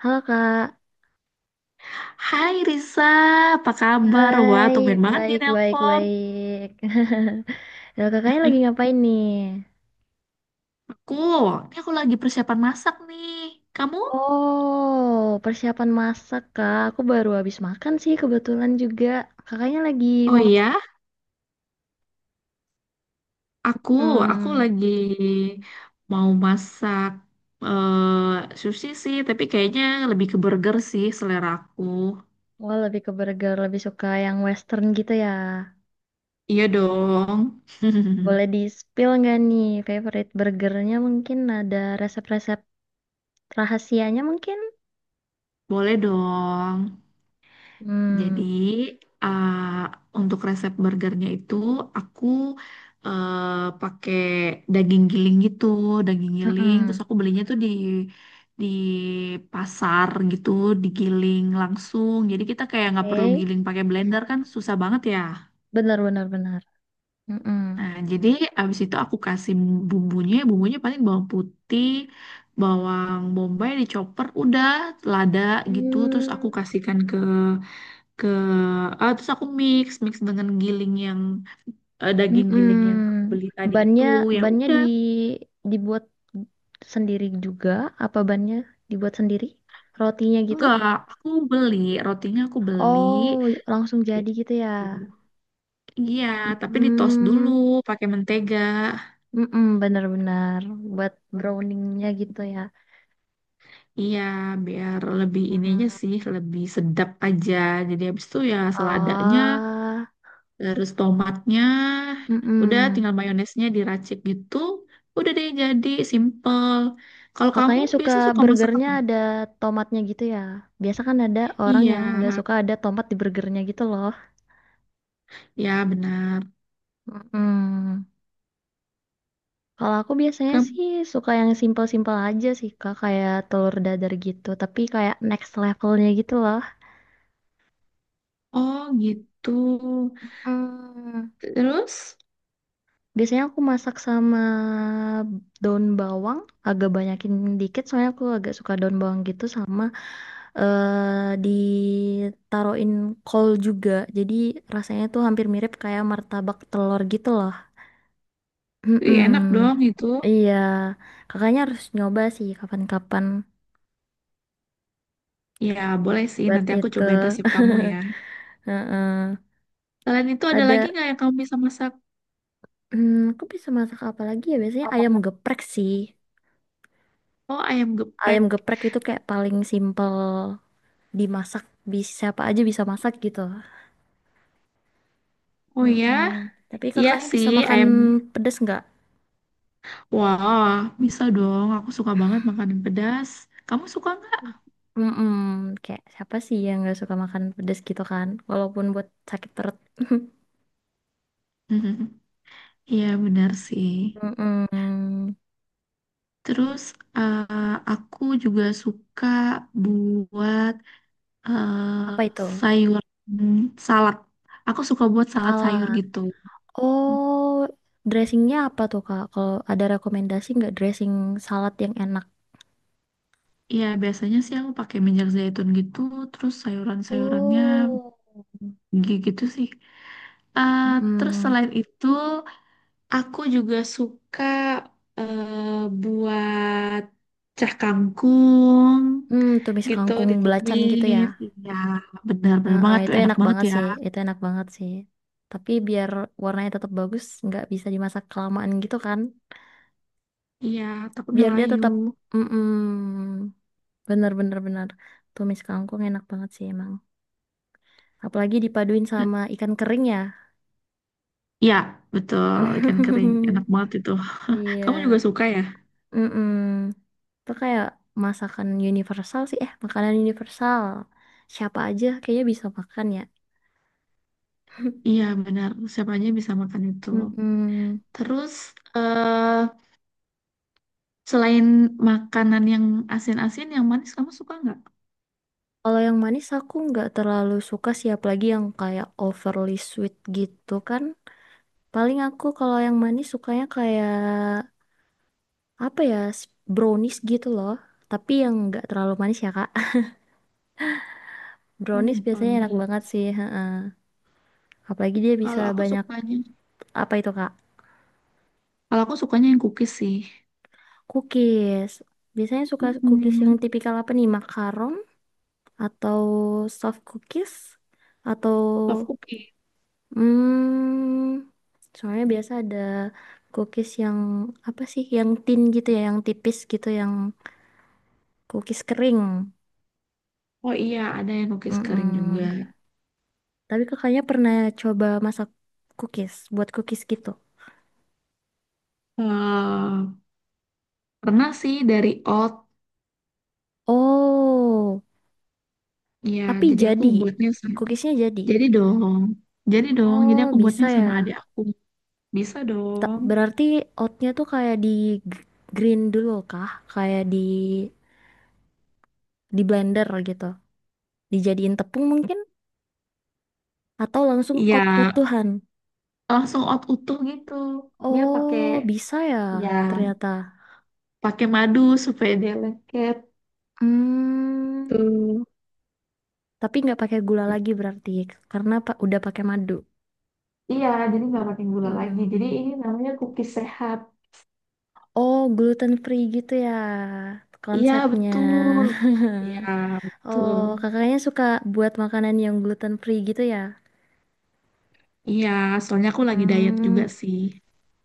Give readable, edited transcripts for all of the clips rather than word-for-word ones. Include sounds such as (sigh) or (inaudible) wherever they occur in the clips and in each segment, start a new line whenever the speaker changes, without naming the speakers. Halo Kak,
Hai Risa, apa kabar? Wah,
hai,
tumben banget nih
baik, baik,
nelpon.
baik. (laughs) Halo, kakaknya lagi ngapain nih?
Aku, ini aku lagi persiapan masak nih. Kamu?
Oh, persiapan masak Kak. Aku baru habis makan sih kebetulan juga. Kakaknya lagi
Oh
mau.
iya, aku, aku
hmm,
lagi mau masak eh sushi sih, tapi kayaknya lebih ke burger sih selera aku.
Wah, lebih ke burger, lebih suka yang western gitu ya.
Iya dong.
Boleh di-spill nggak nih favorite burgernya, mungkin ada resep-resep rahasianya mungkin?
(laughs) Boleh dong. Jadi
Hmm.
uh, untuk resep burgernya itu aku pakai daging giling gitu, daging giling. Terus
Mm-mm.
aku belinya tuh di pasar gitu, digiling langsung. Jadi kita kayak nggak perlu
Oke.
giling pakai blender kan susah banget ya.
Benar, benar, benar. Mm-mm.
Nah, jadi abis itu aku kasih bumbunya, bumbunya paling bawang putih, bawang bombay dicoper, udah lada gitu. Terus aku
Hmm.
kasihkan ke terus aku mix mix dengan giling yang daging giling yang aku
Mm-mm.
beli tadi itu
Bannya
ya
bannya
udah.
dibuat sendiri juga, apa bannya dibuat sendiri? Rotinya gitu?
Enggak, aku beli rotinya, aku beli
Oh, langsung jadi
gitu.
gitu ya.
Iya, tapi di toast dulu
Hmm,
pakai mentega.
mm-mm, benar-benar buat browningnya gitu ya.
Iya, biar lebih ini aja sih, lebih sedap aja. Jadi habis itu ya seladanya,
Ah.
terus tomatnya, udah
Mm-mm.
tinggal mayonesnya diracik gitu, udah deh jadi simple. Kalau kamu
Kakaknya suka
biasa suka masak
burgernya
apa?
ada tomatnya gitu ya. Biasa kan ada orang
Iya,
yang nggak suka ada tomat di burgernya gitu loh.
ya, benar.
Mm-mm. Kalau aku biasanya
Ke
sih suka yang simple-simple aja sih Kak, kayak telur dadar gitu, tapi kayak next levelnya gitu loh.
oh gitu.
Hmm,
Terus,
Biasanya aku masak sama daun bawang, agak banyakin dikit soalnya aku agak suka daun bawang gitu, sama ditaruhin kol juga. Jadi rasanya tuh hampir mirip kayak martabak telur gitu loh.
wih, enak
Mm-mm.
dong itu.
Iya, kakaknya harus nyoba sih kapan-kapan
Ya, boleh sih.
buat
Nanti aku cobain
itu.
resep kamu ya.
Heeh.
Selain itu ada lagi
Ada.
nggak yang kamu bisa masak?
Aku bisa masak apa lagi ya? Biasanya ayam
Apa?
geprek sih.
Oh, ayam
Ayam
geprek.
geprek itu kayak paling simple dimasak. Bisa, siapa aja bisa masak gitu.
Oh ya,
Mm-mm. Tapi
iya
kakaknya
sih
bisa makan
ayam.
pedas nggak?
Wah, bisa dong. Aku suka banget makanan pedas. Kamu suka nggak?
Mm-mm. Kayak siapa sih yang nggak suka makan pedas gitu kan? Walaupun buat sakit perut. (laughs)
(laughs) Iya, benar sih.
Mm-mm.
Terus aku juga suka buat eh
Apa itu?
sayur salad. Aku suka buat salad sayur
Salad.
gitu.
Oh, dressingnya apa tuh Kak? Kalau ada rekomendasi nggak dressing salad yang enak?
Ya biasanya sih aku pakai minyak zaitun gitu, terus sayuran-sayurannya
Oh.
gitu sih. Eh, Terus
Mm-mm.
selain itu, aku juga suka eh, buat cah kangkung
Tumis
gitu
kangkung belacan gitu ya.
ditumis. Iya, benar-benar
Nah, ah,
banget tuh,
itu
enak
enak
banget
banget
ya.
sih. Itu enak banget sih. Tapi biar warnanya tetap bagus, nggak bisa dimasak kelamaan gitu kan.
Iya, takut
Biar dia
ngelayu.
tetap, mm bener bener bener. Tumis kangkung enak banget sih emang. Apalagi dipaduin sama ikan kering ya.
Iya, betul. Ikan kering. Enak
(laughs)
banget itu. (laughs) Kamu juga
Iya.
suka ya?
Mm-mm. Itu kayak masakan universal sih. Eh, makanan universal. Siapa aja kayaknya bisa makan ya.
Iya, benar. Siapa aja bisa makan itu.
Mm-mm.
Terus, eh selain makanan yang asin-asin, yang manis kamu suka nggak?
Kalau yang manis aku nggak terlalu suka sih, apalagi yang kayak overly sweet gitu kan. Paling aku kalau yang manis sukanya kayak apa ya, brownies gitu loh. Tapi yang nggak terlalu manis ya Kak. (laughs)
Oh,
Brownies biasanya enak
brownie.
banget sih, heeh. Apalagi dia bisa
Kalau aku
banyak,
sukanya,
apa itu Kak?
kalau aku sukanya yang cookies sih.
Cookies. Biasanya suka cookies
Hmm,
yang tipikal apa nih? Makaron, atau soft cookies, atau
soft cookies.
Hmm, soalnya biasa ada cookies yang apa sih, yang thin gitu ya, yang tipis gitu, yang cookies kering.
Oh iya, ada yang cookies kering juga.
Mm-mm. Tapi kakaknya pernah coba masak cookies, buat cookies gitu.
eh Pernah sih dari oat.
Oh,
Ya,
tapi
jadi aku
jadi,
buatnya sama.
cookiesnya jadi.
Jadi dong. Jadi dong, jadi
Oh,
aku
bisa
buatnya sama adik
ya.
aku. Bisa dong.
Berarti oatnya tuh kayak di g- green dulu kah? Kayak di blender gitu. Dijadiin tepung mungkin? Atau langsung
Iya,
oat utuhan?
langsung out utuh gitu. Dia pakai
Oh, bisa ya
ya
ternyata.
pakai madu supaya dia lengket
Hmm,
tuh.
tapi nggak pakai gula lagi berarti, karena udah pakai madu.
Iya, jadi nggak pakai gula lagi. Jadi
Mm-mm.
ini namanya cookies sehat.
Oh, gluten free gitu ya
Iya,
konsepnya.
betul. Iya,
(laughs) Oh,
betul.
kakaknya suka buat makanan yang gluten free gitu ya?
Iya, soalnya aku lagi diet juga
Hmm,
sih.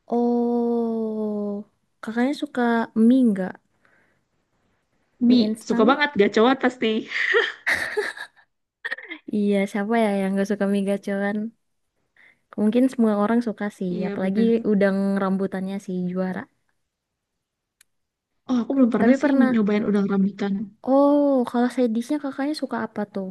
oh, kakaknya suka mie nggak? Mie
Mie, suka
instan?
banget gacor pasti.
Iya, siapa ya yang gak suka mie gacoan? Mungkin semua orang suka sih,
Iya,
apalagi
bener.
udang rambutannya sih juara.
Oh, aku belum pernah
Tapi
sih
pernah.
nyobain udang rambutan.
Oh, kalau sedisnya kakaknya suka apa tuh?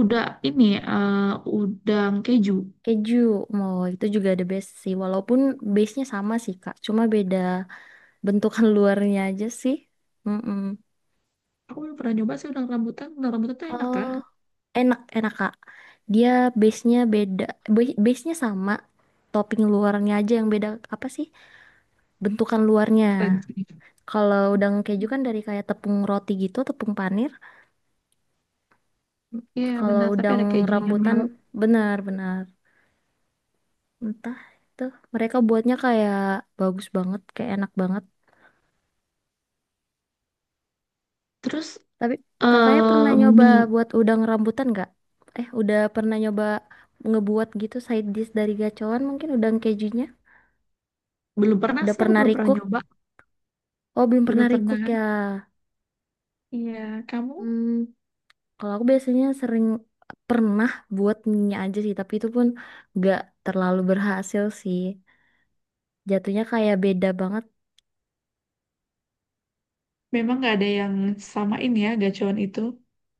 Udah ini, eh, udang keju.
Keju. Mau itu juga ada base sih. Walaupun base-nya sama sih, Kak. Cuma beda bentukan (laughs) luarnya aja sih. Mm-mm.
Aku belum pernah nyoba sih udang rambutan. Udang rambutan tuh enak
Oh,
kan?
enak, enak, Kak. Dia base-nya beda. Base-nya sama. Topping luarnya aja yang beda, apa sih? Bentukan luarnya.
Keren sih.
Kalau udang keju kan dari kayak tepung roti gitu, tepung panir.
Iya
Kalau
benar, tapi
udang
ada kejunya
rambutan,
Mel.
benar-benar. Entah itu mereka buatnya kayak bagus banget, kayak enak banget.
Terus
Tapi kakaknya pernah nyoba
mie,
buat udang rambutan nggak? Udah pernah nyoba ngebuat gitu side dish dari gacoan, mungkin udang kejunya?
belum pernah
Udah
sih, aku
pernah
belum pernah
recook?
nyoba,
Oh, belum
belum
pernah
pernah.
recook ya.
Iya, kamu
Hmm, Kalau aku biasanya sering pernah buat mie aja sih, tapi itu pun nggak terlalu berhasil sih. Jatuhnya kayak beda banget.
memang nggak ada yang samain ya gacuan itu.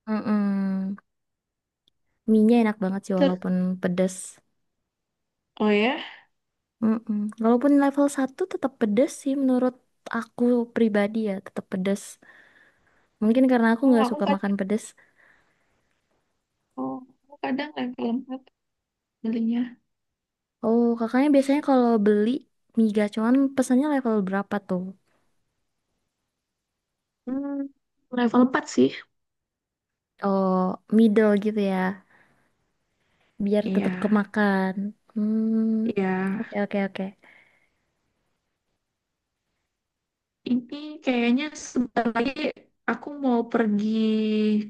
Mm-mm. Mie-nya enak banget sih
Ter
walaupun pedas.
oh ya,
Mm-mm. Walaupun level 1 tetap pedes sih menurut aku pribadi ya, tetap pedes. Mungkin karena aku
oh
nggak
aku
suka makan
kadang,
pedes.
oh aku kadang level 4 belinya.
Oh, kakaknya biasanya kalau beli mie gacoan pesannya level berapa tuh?
Hmm, level 4 sih.
Oh, middle gitu ya, biar
Iya,
tetap kemakan. Hmm,
iya.
oke, oke, oke.
Ini kayaknya sebentar lagi aku mau pergi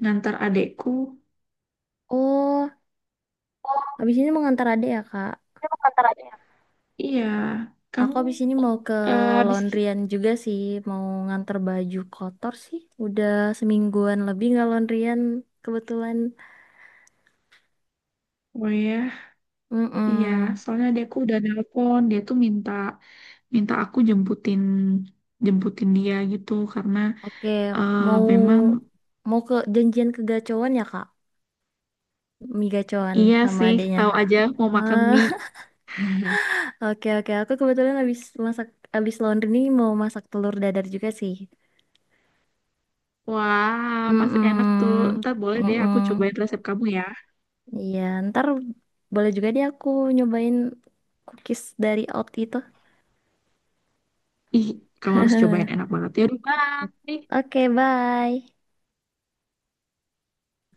ngantar adekku.
Oh,
Oh,
habis ini mau ngantar adek ya, Kak?
ini mau ngantar. Iya,
Aku
kamu
habis ini mau ke
eh, habis
laundryan juga sih, mau ngantar baju kotor sih. Udah semingguan lebih nggak laundryan kebetulan.
oh ya. Iya,
Mm-mm.
soalnya dia aku udah nelpon, dia tuh minta minta aku jemputin jemputin dia gitu karena
Oke,
eh,
mau
memang
mau ke janjian ke Gacoan ya, Kak? Mie Gacoan
iya
sama
sih,
adiknya.
tahu aja mau makan
Ah,
mie. (laughs)
(laughs) oke, oke. Aku kebetulan habis masak, habis laundry nih mau masak telur dadar juga sih.
Wah, pasti enak tuh.
Mm-mm.
Ntar boleh deh aku
Mm-mm.
cobain resep kamu ya.
Iya, ntar boleh juga deh aku nyobain cookies dari Out itu.
Ih, kamu harus cobain enak banget ya. Aduh, Bye.
Oke, bye.